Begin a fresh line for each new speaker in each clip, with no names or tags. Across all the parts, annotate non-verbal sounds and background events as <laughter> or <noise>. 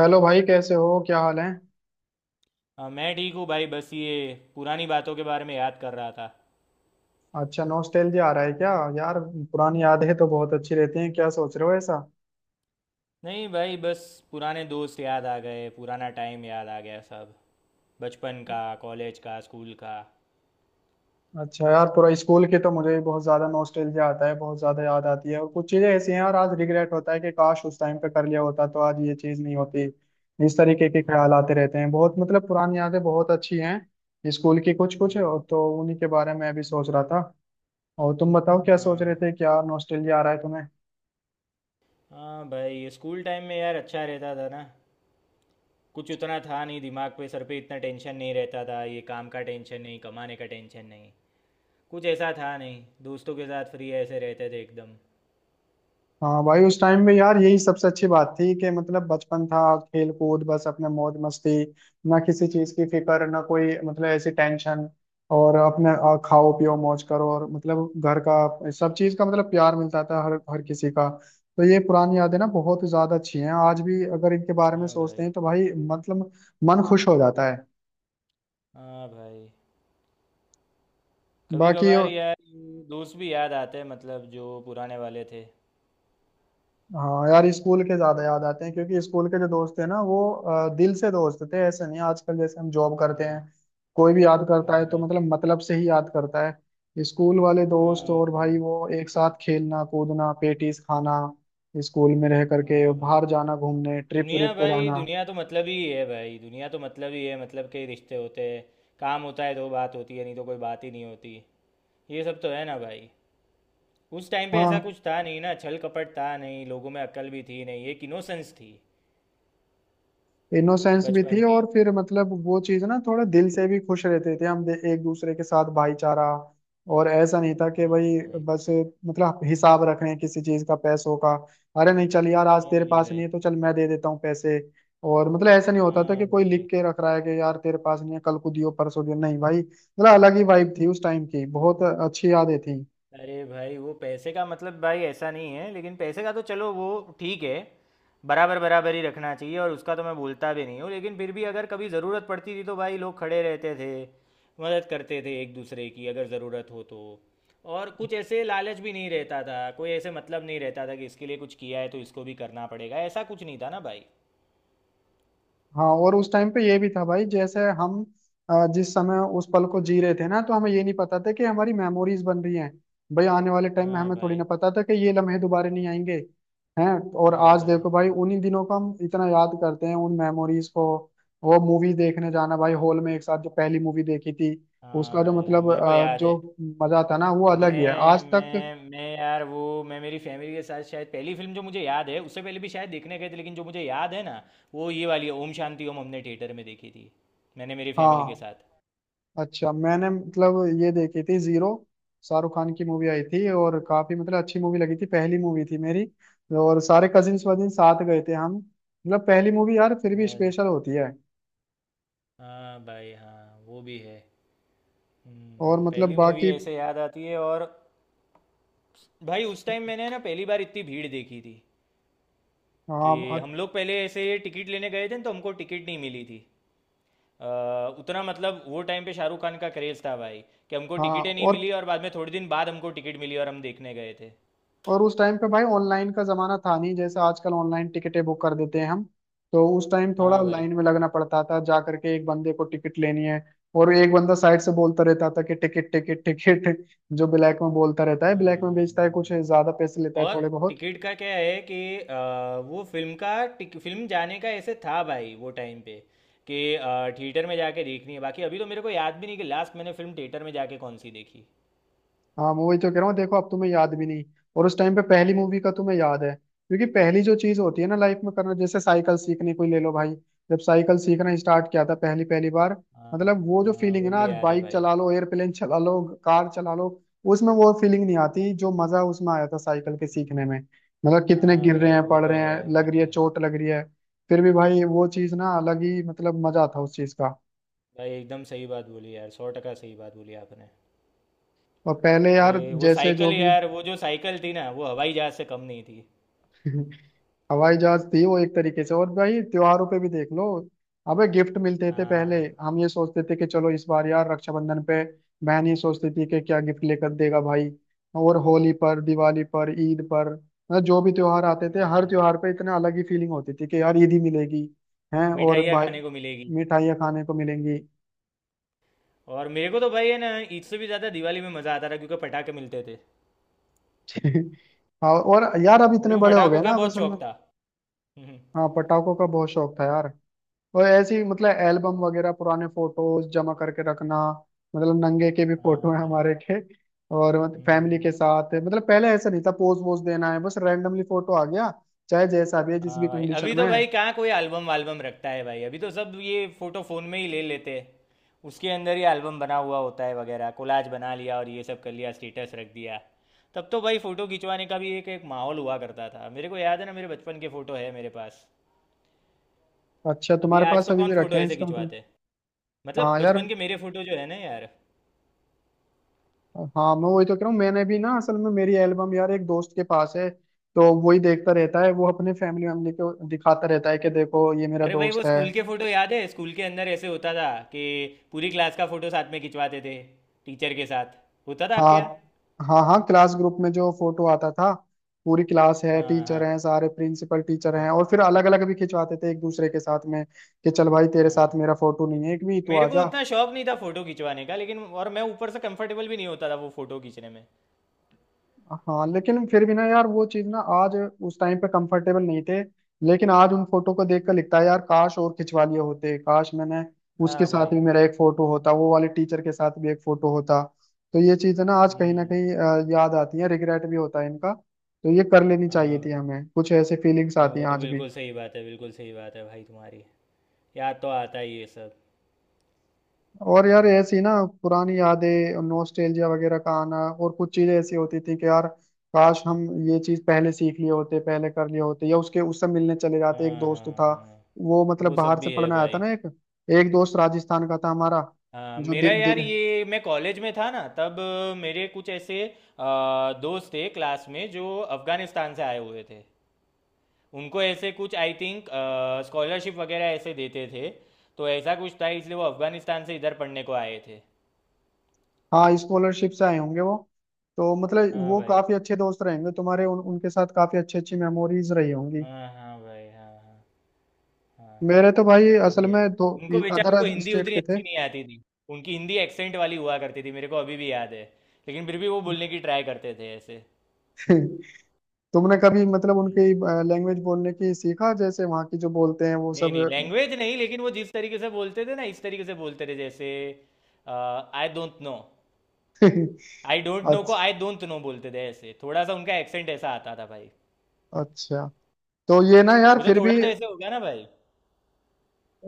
Hello भाई, कैसे हो? क्या हाल है?
हाँ मैं ठीक हूँ भाई बस ये पुरानी बातों के बारे में याद कर रहा था।
अच्छा, नॉस्टैल्जिया आ रहा है क्या यार? पुरानी यादें तो बहुत अच्छी रहती हैं। क्या सोच रहे हो ऐसा?
नहीं भाई बस पुराने दोस्त याद आ गए पुराना टाइम याद आ गया सब। बचपन का कॉलेज का स्कूल का।
अच्छा यार, पूरा स्कूल की तो मुझे भी बहुत ज्यादा नॉस्टैल्जिया आता है, बहुत ज्यादा याद आती है। और कुछ चीजें ऐसी हैं यार, आज रिग्रेट होता है कि काश उस टाइम पे कर लिया होता तो आज ये चीज नहीं होती। इस तरीके के ख्याल
हम्म।
आते रहते हैं बहुत। मतलब पुरानी यादें बहुत अच्छी हैं स्कूल की कुछ कुछ,
हम्म।
और तो उन्हीं के बारे में भी सोच रहा था। और तुम बताओ, क्या सोच रहे
हाँ
थे, क्या नॉस्टैल्जिया आ रहा है तुम्हें?
हाँ भाई ये स्कूल टाइम में यार अच्छा रहता था ना। कुछ उतना था नहीं दिमाग पे सर पे इतना टेंशन नहीं रहता था ये काम का टेंशन नहीं कमाने का टेंशन नहीं। कुछ ऐसा था नहीं दोस्तों के साथ फ्री ऐसे रहते थे एकदम।
हाँ भाई, उस टाइम में यार यही सबसे अच्छी बात थी कि मतलब बचपन था, खेल कूद, बस अपने मौज मस्ती। ना किसी चीज की फिक्र, ना कोई मतलब ऐसी टेंशन। और अपने खाओ पियो मौज करो, और मतलब घर का सब चीज का मतलब प्यार मिलता था हर हर किसी का। तो ये पुरानी यादें ना बहुत ज्यादा अच्छी हैं। आज भी अगर इनके बारे में
हाँ
सोचते
भाई।
हैं तो भाई मतलब मन खुश हो जाता है।
हाँ भाई। कभी
बाकी
कभार यार ये दोस्त भी याद आते हैं मतलब जो पुराने वाले थे।
हाँ यार, स्कूल के ज्यादा याद आते हैं क्योंकि स्कूल के जो दोस्त थे ना, वो दिल से दोस्त थे। ऐसे नहीं आजकल जैसे हम जॉब करते हैं,
हाँ।
कोई भी याद करता है
हाँ
तो
भाई।
मतलब मतलब से ही याद करता है। स्कूल वाले दोस्त
हाँ
और भाई
भाई।
वो एक साथ खेलना कूदना, पेटीज खाना, स्कूल में रह करके
हाँ
बाहर जाना, घूमने ट्रिप व्रिप पे
भाई
जाना।
दुनिया तो मतलब ही है भाई दुनिया तो मतलब ही है मतलब के ही रिश्ते होते हैं। काम होता है तो बात होती है नहीं तो कोई बात ही नहीं होती। ये सब तो है ना भाई। उस टाइम पे ऐसा
हाँ,
कुछ था नहीं ना छल कपट था नहीं लोगों में अक्ल भी थी नहीं एक इनोसेंस थी।
इनोसेंस भी
बचपन
थी,
की।
और फिर मतलब वो चीज ना थोड़ा दिल से भी खुश रहते थे हम। एक दूसरे के साथ भाईचारा, और ऐसा नहीं था कि
हाँ
भाई
भाई।
बस मतलब हिसाब रख रहे हैं किसी चीज का, पैसों का। अरे नहीं चल यार, आज तेरे
नहीं
पास
भाई।
नहीं है तो चल मैं दे देता हूँ पैसे। और मतलब ऐसा नहीं होता था
हाँ
कि कोई लिख
भाई।
के रख रहा है कि यार तेरे पास नहीं है, कल को दियो, परसों दियो। नहीं भाई मतलब अलग ही वाइब थी उस टाइम की, बहुत अच्छी यादें थी।
अरे भाई वो पैसे का मतलब भाई ऐसा नहीं है लेकिन पैसे का तो चलो वो ठीक है। बराबर बराबर ही रखना चाहिए और उसका तो मैं बोलता भी नहीं हूँ लेकिन फिर भी अगर कभी ज़रूरत पड़ती थी तो भाई लोग खड़े रहते थे। मदद करते थे एक दूसरे की अगर ज़रूरत हो तो। और कुछ ऐसे लालच भी नहीं रहता था कोई ऐसे मतलब नहीं रहता था कि इसके लिए कुछ किया है तो इसको भी करना पड़ेगा ऐसा कुछ नहीं था ना भाई।
हाँ, और उस टाइम पे ये भी था भाई, जैसे हम जिस समय उस पल को जी रहे थे ना, तो हमें ये नहीं पता था कि हमारी मेमोरीज बन रही हैं। भाई आने वाले टाइम में
हाँ
हमें थोड़ी
भाई।
ना पता था कि ये लम्हे दोबारा नहीं आएंगे। हैं। और
हाँ
आज
भाई।
देखो भाई,
हाँ
उन्हीं दिनों को हम इतना याद करते हैं, उन मेमोरीज को। वो मूवी देखने जाना भाई, हॉल में एक साथ जो पहली मूवी देखी थी,
हाँ
उसका जो
भाई। हाँ
मतलब
मेरे को याद है।
जो मजा था ना, वो अलग ही है
मैं
आज तक।
मैं मैं यार वो। मैं मेरी फैमिली के साथ शायद पहली फिल्म जो मुझे याद है उससे पहले भी शायद देखने गए थे लेकिन जो मुझे याद है ना वो ये वाली है ओम शांति ओम हमने थिएटर में देखी थी। मैंने मेरी फैमिली के
हाँ।
साथ।
अच्छा, मैंने मतलब ये देखी थी, जीरो। शाहरुख खान की मूवी आई थी, और काफी मतलब अच्छी मूवी लगी थी, पहली मूवी थी मेरी। और सारे कजिन्स वजिन साथ गए थे हम, मतलब पहली मूवी यार फिर भी
अच्छा।
स्पेशल होती है।
हाँ भाई। हाँ वो भी है।
और मतलब
पहली मूवी
बाकी
ऐसे याद आती है और भाई उस टाइम मैंने ना पहली बार इतनी भीड़ देखी थी
हाँ
कि हम लोग पहले ऐसे टिकट लेने गए थे न, तो हमको टिकट नहीं मिली थी। अ, उतना मतलब वो टाइम पे शाहरुख खान का क्रेज था भाई कि हमको
हाँ।
टिकटें नहीं मिली और बाद में थोड़े दिन बाद हमको टिकट मिली और हम देखने गए थे।
और उस टाइम पे भाई ऑनलाइन का जमाना था नहीं, जैसे आजकल ऑनलाइन टिकटें बुक कर देते हैं हम। तो उस टाइम थोड़ा
हाँ भाई।
लाइन में लगना पड़ता था, जा करके एक बंदे को टिकट लेनी है। और एक बंदा साइड से बोलता रहता था कि टिकट टिकट टिकट, जो ब्लैक में बोलता रहता है,
हाँ
ब्लैक में बेचता है,
हाँ
कुछ
भाई।
ज्यादा पैसे लेता है,
और
थोड़े बहुत।
टिकट का क्या है कि वो फिल्म का फिल्म जाने का ऐसे था भाई वो टाइम पे कि थिएटर में जाके देखनी है बाकी अभी तो मेरे को याद भी नहीं कि लास्ट मैंने फिल्म थिएटर में जाके कौन सी देखी।
हाँ, मैं वही तो कह रहा हूँ, देखो अब तुम्हें याद भी नहीं। और उस टाइम पे पहली मूवी का तुम्हें याद है, क्योंकि पहली जो चीज होती है ना लाइफ में करना, जैसे साइकिल सीखनी कोई ले लो भाई। जब साइकिल सीखना स्टार्ट किया था पहली पहली बार,
हाँ
मतलब वो जो
हाँ
फीलिंग है
वो
ना,
भी
आज
याद है
बाइक
भाई।
चला लो, एयरप्लेन चला लो, कार चला लो, उसमें वो फीलिंग नहीं आती जो मजा उसमें आया था साइकिल के सीखने में।
हम्म,
मतलब कितने
हाँ
गिर रहे
भाई
हैं
वो
पड़
तो
रहे
है
हैं,
वो
लग
तो
रही है
है।
चोट लग रही है, फिर भी भाई वो चीज ना अलग ही मतलब मजा था उस चीज का।
भाई एकदम सही बात बोली यार सौ टका सही बात बोली आपने
और पहले यार
कि वो
जैसे जो
साइकिल
भी
यार वो जो साइकिल थी ना वो हवाई जहाज से कम नहीं थी।
<laughs> हवाई जहाज थी वो एक तरीके से। और भाई त्योहारों पे भी देख लो, अबे गिफ्ट मिलते थे। पहले
हाँ।
हम ये सोचते थे कि चलो इस बार यार रक्षाबंधन पे बहन ये सोचती थी कि क्या गिफ्ट लेकर देगा भाई। और होली पर, दिवाली पर, ईद पर, मतलब जो भी त्योहार आते थे,
हाँ
हर
भाई।
त्योहार पे इतना अलग ही फीलिंग होती थी कि यार ईद ही मिलेगी। हैं। और
मिठाइयाँ
भाई
खाने को मिलेगी।
मिठाइयाँ खाने को मिलेंगी।
और मेरे को तो भाई है ना ईद से भी ज़्यादा दिवाली में मज़ा आता था क्योंकि पटाखे मिलते थे।
<laughs> और यार अब
मेरे
इतने
को
बड़े हो गए
पटाखों का
ना, अब
बहुत
असल में
शौक था। हम्म।
हाँ पटाखों का बहुत शौक था यार। और ऐसी मतलब एल्बम वगैरह पुराने फोटोज जमा करके रखना, मतलब नंगे के भी
हाँ
फोटो हैं
भाई।
हमारे के। और फैमिली
हम्म।
के साथ मतलब पहले ऐसा नहीं था पोज वोज देना है, बस रैंडमली फोटो आ गया, चाहे जैसा भी है, जिस
हाँ
भी
भाई। अभी
कंडीशन में
तो
है।
भाई कहाँ कोई एल्बम वाल्बम रखता है भाई अभी तो सब ये फोटो फोन में ही ले लेते हैं। उसके अंदर ही एल्बम बना हुआ होता है वगैरह कोलाज बना लिया और ये सब कर लिया स्टेटस रख दिया। तब तो भाई फोटो खिंचवाने का भी एक एक माहौल हुआ करता था मेरे को याद है ना मेरे बचपन के फोटो है मेरे पास।
अच्छा,
अभी
तुम्हारे
आज
पास
तो
अभी भी
कौन
रखे
फोटो
हैं
ऐसे
इसका मतलब?
खिंचवाते। मतलब
हाँ यार।
बचपन के मेरे फोटो जो है ना यार।
हाँ मैं वही तो कह रहा हूँ, मैंने भी ना असल में मेरी एल्बम यार एक दोस्त के पास है। तो वही देखता रहता है, वो अपने फैमिली वैमिली को दिखाता रहता है कि देखो ये मेरा
अरे भाई वो
दोस्त है।
स्कूल के फोटो याद है स्कूल के अंदर ऐसे होता था कि पूरी क्लास का फोटो साथ में खिंचवाते थे टीचर के साथ होता था आपके
हाँ
यहाँ।
हाँ, हाँ क्लास ग्रुप में जो फोटो आता था, पूरी क्लास है, टीचर
हाँ
हैं सारे, प्रिंसिपल
हाँ
टीचर
हाँ
हैं, और फिर अलग अलग भी खिंचवाते थे एक दूसरे के साथ में। कि चल भाई तेरे साथ
हाँ।
मेरा फोटो नहीं है एक भी, तो
मेरे को
आजा।
उतना शौक नहीं था फोटो खिंचवाने का लेकिन और मैं ऊपर से कंफर्टेबल भी नहीं होता था वो फोटो खींचने में।
हाँ लेकिन फिर भी ना यार वो चीज ना आज, उस टाइम पे कंफर्टेबल नहीं थे, लेकिन आज उन फोटो को देखकर लगता है यार काश और खिंचवा लिए होते। काश मैंने उसके
हाँ
साथ
भाई।
भी मेरा एक फोटो होता, वो वाले टीचर के साथ भी एक फोटो होता। तो ये चीज है ना, आज कहीं ना
हम्म।
कहीं याद आती है, रिग्रेट भी होता है इनका, तो ये कर लेनी चाहिए
हाँ
थी
भाई।
हमें, कुछ ऐसे फीलिंग्स
नहीं
आती
वो
हैं
तो
आज भी।
बिल्कुल सही बात है बिल्कुल सही बात है भाई तुम्हारी। याद तो आता ही ये सब।
और यार
हाँ
ऐसी ना पुरानी यादें नॉस्टैल्जिया वगैरह का आना, और कुछ चीजें ऐसी होती थी कि यार काश हम ये चीज पहले सीख लिए होते, पहले कर लिए होते, या उसके उससे मिलने चले जाते। एक
हाँ
दोस्त
हाँ
था,
हाँ
वो मतलब
वो सब
बाहर से
भी है
पढ़ने आया था
भाई।
ना एक, एक दोस्त राजस्थान का था हमारा,
हाँ
जो
मेरा यार
दिल।
ये मैं कॉलेज में था ना तब। मेरे कुछ ऐसे अ, दोस्त थे क्लास में जो अफ़गानिस्तान से आए हुए थे। उनको ऐसे कुछ आई थिंक स्कॉलरशिप वगैरह ऐसे देते थे। तो ऐसा कुछ था इसलिए वो अफगानिस्तान से इधर पढ़ने को आए थे।
हाँ स्कॉलरशिप से आए होंगे वो, तो मतलब
हाँ
वो
भाई।
काफी अच्छे दोस्त रहेंगे तुम्हारे, उनके साथ काफी अच्छी अच्छी मेमोरीज रही होंगी।
हाँ हाँ भाई। हाँ हाँ। हाँ
मेरे तो भाई
वो
असल
भी है।
में दो
उनको बेचारों
अदर
को हिंदी
स्टेट
उतनी
के थे।
अच्छी नहीं आती थी। उनकी हिंदी एक्सेंट वाली हुआ करती थी मेरे को अभी भी याद है। लेकिन फिर भी वो बोलने की ट्राई करते थे ऐसे।
<laughs> तुमने कभी मतलब
हम्म,
उनकी लैंग्वेज बोलने की सीखा, जैसे वहां की जो बोलते हैं वो
नहीं
सब?
नहीं
<laughs>
लैंग्वेज नहीं लेकिन वो जिस तरीके से बोलते थे ना इस तरीके से बोलते थे जैसे I don't know. I don't know को
अच्छा,
आई डोंट नो बोलते थे ऐसे थोड़ा सा उनका एक्सेंट ऐसा आता था भाई।
अच्छा। तो ये ना यार
वो तो
फिर
थोड़ा
भी
तो ऐसे होगा ना भाई।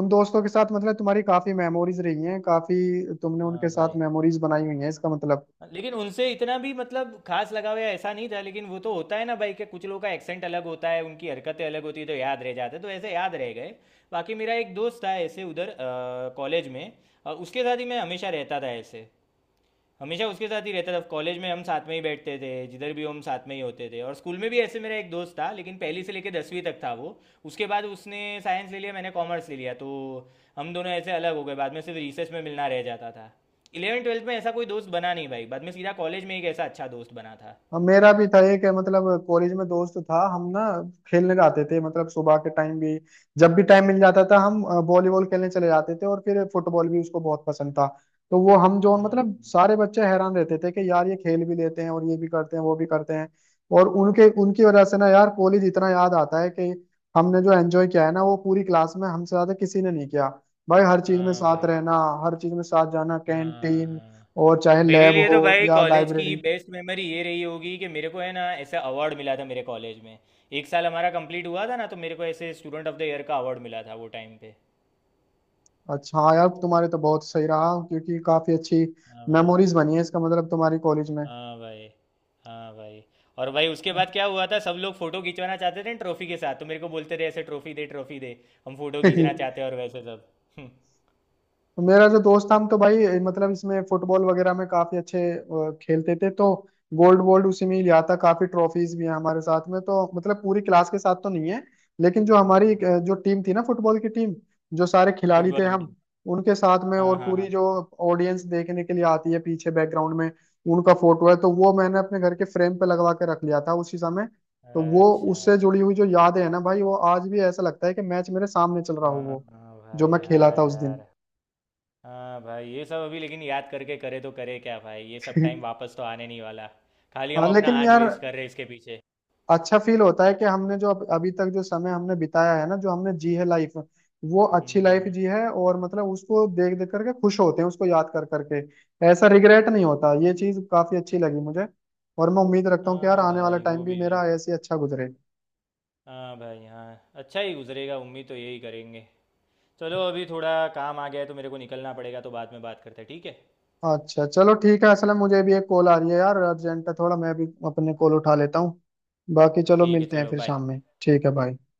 उन दोस्तों के साथ मतलब तुम्हारी काफी मेमोरीज रही हैं, काफी तुमने उनके
हाँ
साथ
भाई।
मेमोरीज बनाई हुई हैं इसका मतलब।
लेकिन उनसे इतना भी मतलब खास लगाव या ऐसा नहीं था लेकिन वो तो होता है ना भाई कि कुछ लोगों का एक्सेंट अलग होता है उनकी हरकतें अलग होती है तो याद रह जाते हैं, तो ऐसे याद रह गए। बाकी मेरा एक दोस्त था ऐसे उधर कॉलेज में उसके साथ ही मैं हमेशा रहता था ऐसे। हमेशा उसके साथ ही रहता था कॉलेज में हम साथ में ही बैठते थे जिधर भी हो हम साथ में ही होते थे और स्कूल में भी ऐसे मेरा एक दोस्त था लेकिन पहली से लेकर 10वीं तक था वो। उसके बाद उसने साइंस ले लिया मैंने कॉमर्स ले लिया तो हम दोनों ऐसे अलग हो गए बाद में सिर्फ रिसेस में मिलना रह जाता था। इलेवन ट्वेल्थ में ऐसा कोई दोस्त बना नहीं भाई बाद में सीधा कॉलेज में एक ऐसा अच्छा दोस्त बना था।
हाँ मेरा भी था एक, मतलब कॉलेज में दोस्त था हम ना, खेलने जाते थे मतलब सुबह के टाइम भी, जब भी टाइम मिल जाता था हम वॉलीबॉल खेलने चले जाते थे, और फिर फुटबॉल भी उसको बहुत पसंद था। तो वो हम जो मतलब
हम्म।
सारे बच्चे हैरान रहते थे कि यार ये खेल भी लेते हैं, और ये भी करते हैं, वो भी करते हैं। और उनके उनकी वजह से ना यार कॉलेज इतना याद आता है कि हमने जो एंजॉय किया है ना, वो पूरी क्लास में हमसे ज्यादा किसी ने नहीं किया। भाई हर चीज में
हाँ
साथ
भाई।
रहना, हर चीज में साथ जाना,
हाँ
कैंटीन,
हाँ।
और चाहे
मेरे
लैब
लिए
हो
तो भाई
या
कॉलेज की
लाइब्रेरी।
बेस्ट मेमोरी ये रही होगी कि मेरे को है ना ऐसा अवार्ड मिला था मेरे कॉलेज में। एक साल हमारा कंप्लीट हुआ था ना तो मेरे को ऐसे स्टूडेंट ऑफ द ईयर का अवार्ड मिला था वो टाइम पे।
अच्छा हाँ यार तुम्हारे तो बहुत सही रहा, क्योंकि काफी अच्छी
हाँ भाई।
मेमोरीज बनी है इसका मतलब तुम्हारी कॉलेज में।
हाँ भाई। हाँ भाई। और भाई उसके बाद क्या हुआ था सब लोग फोटो खिंचवाना चाहते थे ट्रॉफी के साथ तो मेरे को बोलते रहे ऐसे ट्रॉफी दे ट्रॉफी दे। हम फोटो खींचना चाहते
<laughs>
हैं और वैसे सब
तो मेरा जो दोस्त था हम, तो भाई मतलब इसमें फुटबॉल वगैरह में काफी अच्छे खेलते थे। तो गोल्ड वोल्ड उसी में ही लिया था, काफी ट्रॉफीज भी हैं हमारे साथ में। तो मतलब पूरी क्लास के साथ तो नहीं है, लेकिन जो हमारी
<laughs>
जो टीम थी ना फुटबॉल की टीम, जो सारे खिलाड़ी थे
फुटबॉल की टीम।
हम, उनके साथ में,
हाँ
और
हाँ
पूरी
हाँ।
जो ऑडियंस देखने के लिए आती है पीछे बैकग्राउंड में, उनका फोटो है। तो वो मैंने अपने घर के फ्रेम पे लगवा के रख लिया था उसी समय। तो वो
अच्छा।
उससे जुड़ी हुई जो यादें हैं ना भाई, वो आज भी ऐसा लगता है कि मैच मेरे सामने चल रहा हो,
हाँ
वो
हाँ
जो
भाई
मैं खेला
हाँ
था उस
यार।
दिन।
हाँ भाई ये सब अभी लेकिन याद करके करे तो करे क्या भाई ये सब टाइम
<laughs>
वापस तो आने नहीं वाला। खाली हम
हाँ
अपना
लेकिन
आज
यार
वेस्ट कर रहे हैं इसके पीछे।
अच्छा फील होता है कि हमने जो अभी तक जो समय हमने बिताया है ना, जो हमने जी है लाइफ, वो अच्छी लाइफ
हम्म।
जी है। और मतलब उसको देख देख करके खुश होते हैं, उसको याद कर करके ऐसा रिग्रेट नहीं होता। ये चीज काफी अच्छी लगी मुझे, और मैं उम्मीद रखता हूँ कि यार
हाँ
आने वाला
भाई
टाइम
वो
भी
भी है।
मेरा ऐसे ही अच्छा गुजरे।
हाँ भाई हाँ अच्छा ही गुजरेगा उम्मीद तो यही करेंगे। चलो अभी थोड़ा काम आ गया है तो मेरे को निकलना पड़ेगा तो बाद में बात करते हैं ठीक है।
अच्छा चलो ठीक है, असल में मुझे भी एक कॉल आ रही है यार, अर्जेंट है थोड़ा, मैं भी अपने कॉल उठा लेता हूँ। बाकी चलो
ठीक है
मिलते हैं
चलो
फिर
बाय।
शाम में, ठीक है, बाय।